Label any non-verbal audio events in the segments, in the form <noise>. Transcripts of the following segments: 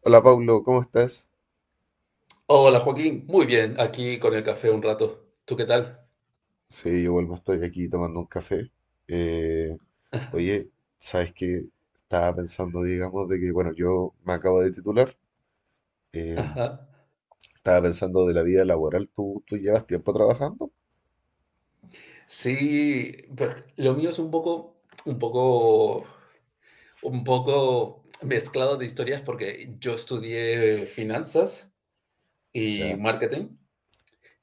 Hola Pablo, ¿cómo estás? Hola Joaquín, muy bien, aquí con el café un rato. ¿Tú qué tal? Sí, yo vuelvo, estoy aquí tomando un café. Eh, oye, ¿sabes qué? Estaba pensando, digamos, de que, bueno, yo me acabo de titular. eh, Ajá. Estaba pensando de la vida laboral. ¿Tú llevas tiempo trabajando? Sí, pues lo mío es un poco mezclado de historias porque yo estudié finanzas y Ya. marketing,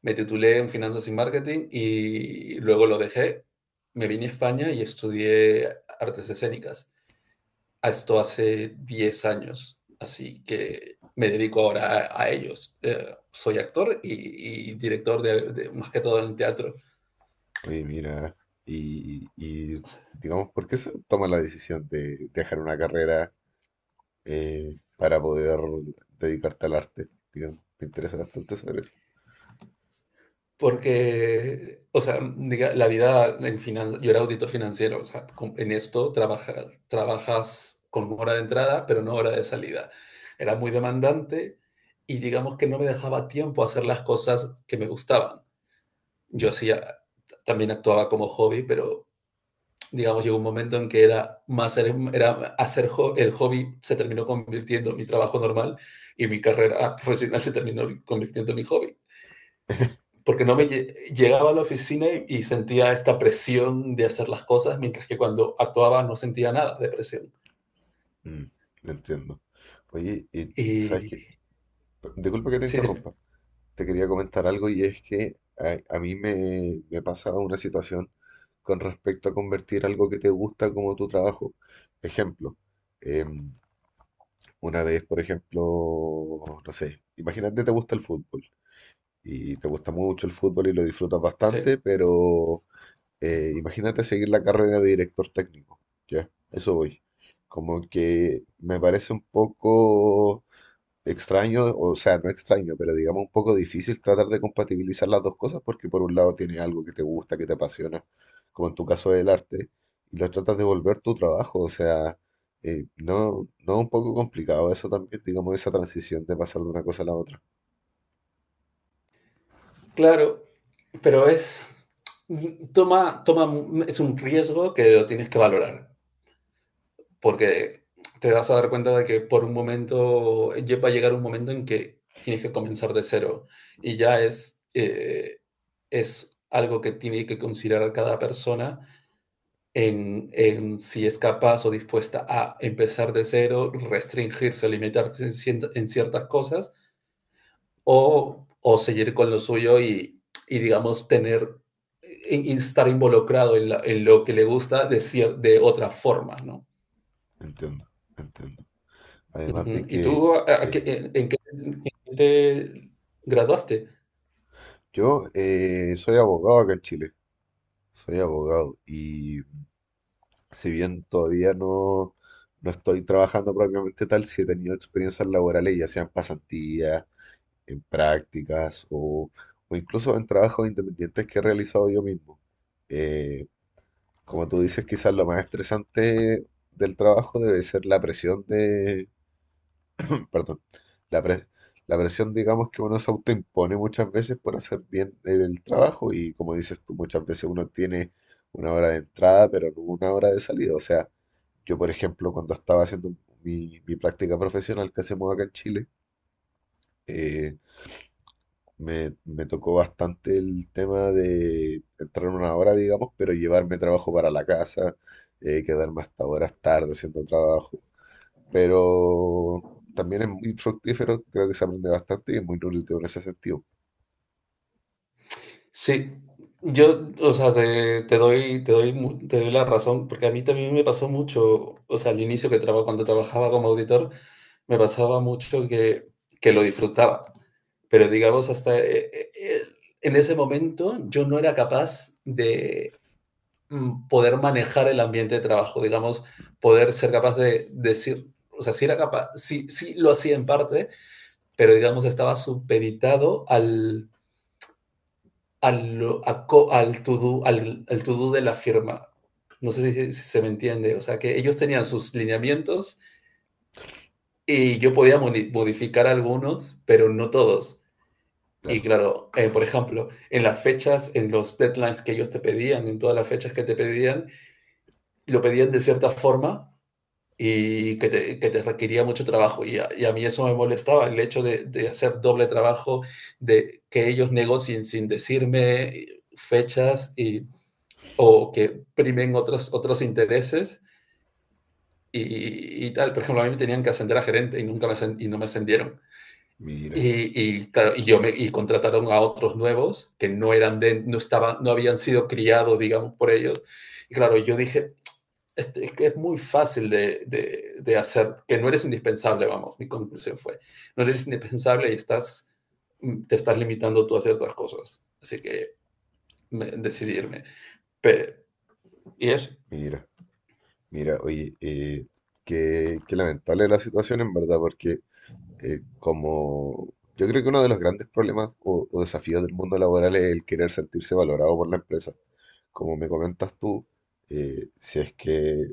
me titulé en finanzas y marketing y luego lo dejé, me vine a España y estudié artes escénicas. A esto hace 10 años, así que me dedico ahora a ellos. Soy actor y, director de más que todo en teatro, Oye, mira, y, y, digamos, ¿por qué se toma la decisión de dejar una carrera para poder dedicarte al arte? Digamos, me interesa bastante saber eso. porque, o sea, la vida en finanzas, yo era auditor financiero, o sea, en esto trabajas con hora de entrada, pero no hora de salida. Era muy demandante y digamos que no me dejaba tiempo a hacer las cosas que me gustaban. Yo Ya, hacía, también actuaba como hobby, pero digamos, llegó un momento en que era más era hacer jo, el hobby se terminó convirtiendo en mi trabajo normal y mi carrera profesional se terminó convirtiendo en mi hobby. Porque no me claro. llegaba a la oficina y sentía esta presión de hacer las cosas, mientras que cuando actuaba no sentía nada de presión. Mm, entiendo. Oye, y ¿sabes qué? Y Disculpa que te sí, dime, interrumpa. Te quería comentar algo y es que a mí me pasa una situación con respecto a convertir algo que te gusta como tu trabajo. Ejemplo, em, una vez, por ejemplo, no sé, imagínate te gusta el fútbol y te gusta mucho el fútbol y lo disfrutas sí, bastante, pero imagínate seguir la carrera de director técnico. Ya, eso voy. Como que me parece un poco extraño, o sea, no extraño, pero digamos un poco difícil tratar de compatibilizar las dos cosas porque por un lado tienes algo que te gusta, que te apasiona, como en tu caso del arte, y lo tratas de volver tu trabajo, o sea, no un poco complicado eso también, digamos, esa transición de pasar de una cosa a la otra. claro, pero toma, toma, es un riesgo que lo tienes que valorar. Porque te vas a dar cuenta de que por un momento va a llegar un momento en que tienes que comenzar de cero y ya es algo que tiene que considerar cada persona si es capaz o dispuesta a empezar de cero, restringirse, limitarse en ciertas cosas o seguir con lo suyo y digamos, y estar involucrado en lo que le gusta de otra forma, ¿no? Entiendo, entiendo. Además Ujú. de ¿Y que tú a qué eh, en qué te graduaste? yo soy abogado acá en Chile, soy abogado y si bien todavía no, no estoy trabajando propiamente tal, sí he tenido experiencias laborales, ya sean pasantías, en prácticas o incluso en trabajos independientes que he realizado yo mismo. Eh, Como tú dices, quizás lo más estresante del trabajo debe ser la presión, perdón, la, pre- la presión, digamos, que uno se autoimpone muchas veces por hacer bien el trabajo y como dices tú, muchas veces uno tiene una hora de entrada, pero no una hora de salida. O sea, yo, por ejemplo, cuando estaba haciendo mi práctica profesional que hacemos acá en Chile, eh, me tocó bastante el tema de entrar una hora, digamos, pero llevarme trabajo para la casa, quedarme hasta horas tarde haciendo trabajo, pero también es muy fructífero, creo que se aprende bastante y es muy nutritivo en ese sentido. Sí, yo, o sea, te doy la razón, porque a mí también me pasó mucho, o sea, al inicio que traba cuando trabajaba como auditor, me pasaba mucho que lo disfrutaba, pero digamos en ese momento yo no era capaz de poder manejar el ambiente de trabajo, digamos, poder ser capaz de decir, o sea, sí era capaz, sí sí lo hacía en parte, pero digamos estaba supeditado al, a al to-do al to-do de la firma. No sé si se me entiende, o sea que ellos tenían sus lineamientos y yo podía modificar algunos, pero no todos. Y Claro, claro, por ejemplo, en las fechas, en los deadlines que ellos te pedían, en todas las fechas que te pedían, lo pedían de cierta forma y que te requería mucho trabajo. Y a mí eso me molestaba, el hecho hacer doble trabajo, de que ellos negocien sin decirme fechas o que primen otros intereses y tal. Por ejemplo, a mí me tenían que ascender a gerente y nunca me, y no me ascendieron. mira, Claro, y contrataron a otros nuevos que no eran de, no estaban, no habían sido criados, digamos, por ellos. Y claro, yo dije, es que es muy fácil hacer, que no eres indispensable, vamos, mi conclusión fue, no eres indispensable y te estás limitando tú a ciertas cosas, así que decidirme. Pero, y eso, mira, oye, qué, qué lamentable la situación en verdad, porque como yo creo que uno de los grandes problemas o desafíos del mundo laboral es el querer sentirse valorado por la empresa. Como me comentas tú, si es que,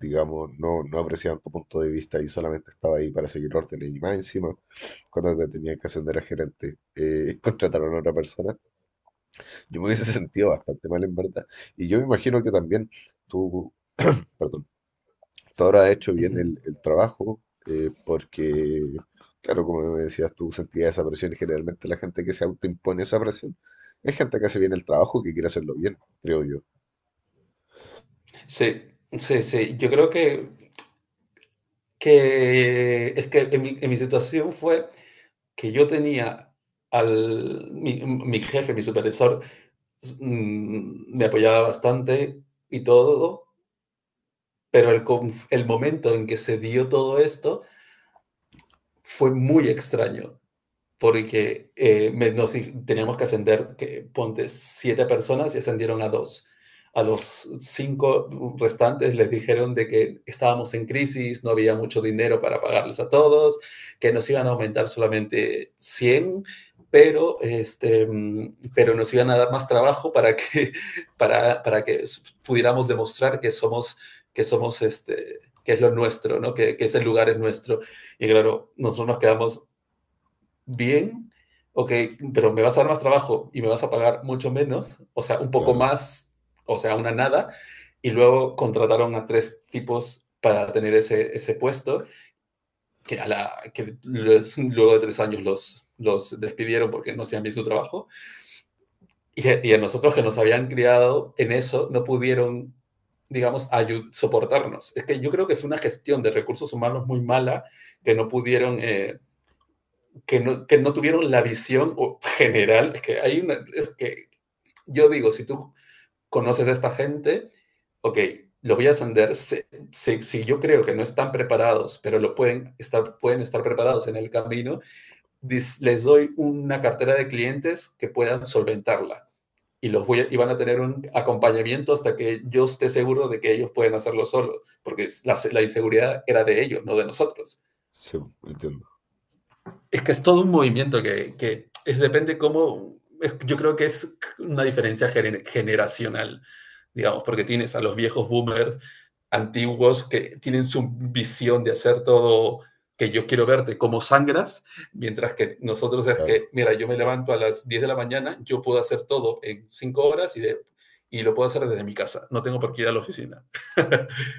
digamos, no, no apreciaban tu punto de vista y solamente estaba ahí para seguir órdenes y más encima, cuando te tenían que ascender a gerente, <laughs> contrataron a otra persona, yo me hubiese sentido bastante mal en verdad. Y yo me imagino que también tú, perdón, tú habrás hecho uh bien -huh. El trabajo porque... Claro, como me decías, tú sentías esa presión y generalmente la gente que se autoimpone esa presión es gente que hace bien el trabajo, que quiere hacerlo bien, creo yo. Sí, sí, sí, yo creo que es que en mi situación fue que yo tenía mi jefe, mi supervisor, me apoyaba bastante y todo, pero el momento en que se dio todo esto fue muy extraño porque nos teníamos que ascender, que, ponte, siete personas y ascendieron a dos. A los cinco restantes les dijeron de que estábamos en crisis, no había mucho dinero para pagarles a todos, que nos iban a aumentar solamente 100, pero nos iban a dar más trabajo para <laughs> para que pudiéramos demostrar que somos, que somos, este, que es lo nuestro, ¿no? Que ese lugar es nuestro. Y claro, nosotros nos quedamos, bien, ok, pero me vas a dar más trabajo y me vas a pagar mucho menos, o sea, un poco Claro. más, o sea, una nada, y luego contrataron a tres tipos para tener ese puesto, que, a la, que los- luego de 3 años los despidieron porque no hacían bien su trabajo, y a nosotros que nos habían criado en eso, no pudieron, digamos, soportarnos. Es que yo creo que fue una gestión de recursos humanos muy mala que no pudieron que no tuvieron la visión general. Es que hay una. Es que yo digo, si tú conoces a esta gente, ok, lo voy a ascender. Si, si, yo creo que no están preparados, pero lo pueden estar preparados en el camino, les doy una cartera de clientes que puedan solventarla. Y van a tener un acompañamiento hasta que yo esté seguro de que ellos pueden hacerlo solos, porque la inseguridad era de ellos, no de nosotros. Sí, entiendo, Es que es todo un movimiento que es, depende cómo, yo creo que es una diferencia generacional, digamos, porque tienes a los viejos boomers antiguos que tienen su visión de hacer todo que yo quiero verte como sangras, mientras que nosotros es claro. que, mira, yo me levanto a las 10 de la mañana, yo puedo hacer todo en 5 horas y lo puedo hacer desde mi casa, no tengo por qué ir a la oficina. <laughs>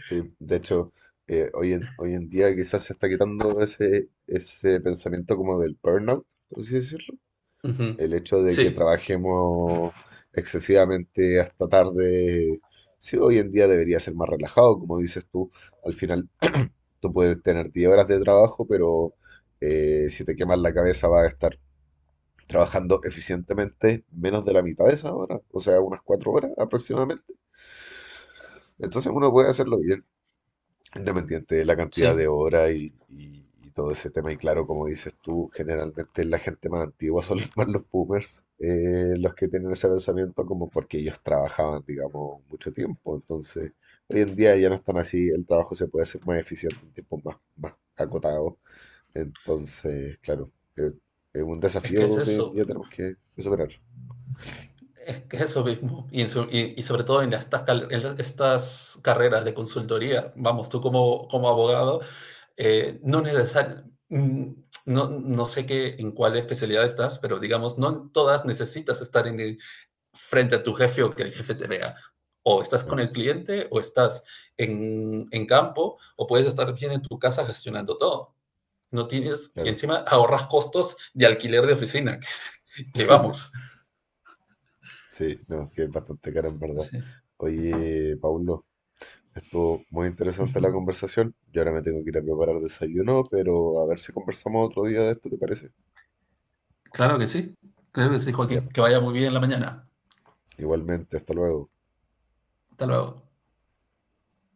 Sí, de hecho, hoy en día quizás se está quitando ese, ese pensamiento como del burnout, por así decirlo. uh -huh. El hecho de que Sí, trabajemos excesivamente hasta tarde, sí, hoy en día debería ser más relajado, como dices tú. Al final, tú puedes tener 10 horas de trabajo, pero si te quemas la cabeza vas a estar trabajando eficientemente menos de la mitad de esa hora, o sea, unas 4 horas aproximadamente. Entonces uno puede hacerlo bien, independiente de la cantidad sí, de horas y, y todo ese tema. Y claro, como dices tú, generalmente la gente más antigua son <laughs> más los boomers, los que tienen ese pensamiento como porque ellos trabajaban, digamos, mucho tiempo. Entonces, hoy en día ya no están así, el trabajo se puede hacer más eficiente en tiempos más, más acotados. Entonces, claro, eh, es un es que es desafío que hoy en eso, día tenemos que superar. es que eso mismo, y sobre todo en estas, cal- en las- estas carreras de consultoría, vamos, tú como abogado, no necesariamente, no, no sé qué, en cuál especialidad estás, pero digamos, no en todas necesitas estar frente a tu jefe o que el jefe te vea. O estás Claro, con el cliente, o estás en campo, o puedes estar bien en tu casa gestionando todo. No tienes, y <laughs> claro. encima ahorras costos de alquiler de oficina, <laughs> que vamos. Sí, no, que es bastante caro en verdad. Sí. Oye, Paulo. Estuvo muy interesante la conversación. Yo ahora me tengo que ir a preparar desayuno, pero a ver si conversamos otro día de esto, ¿te parece? Claro que sí, claro que sí, Ya, Joaquín. pues. Que vaya muy bien la mañana. Igualmente, hasta luego. Hasta luego.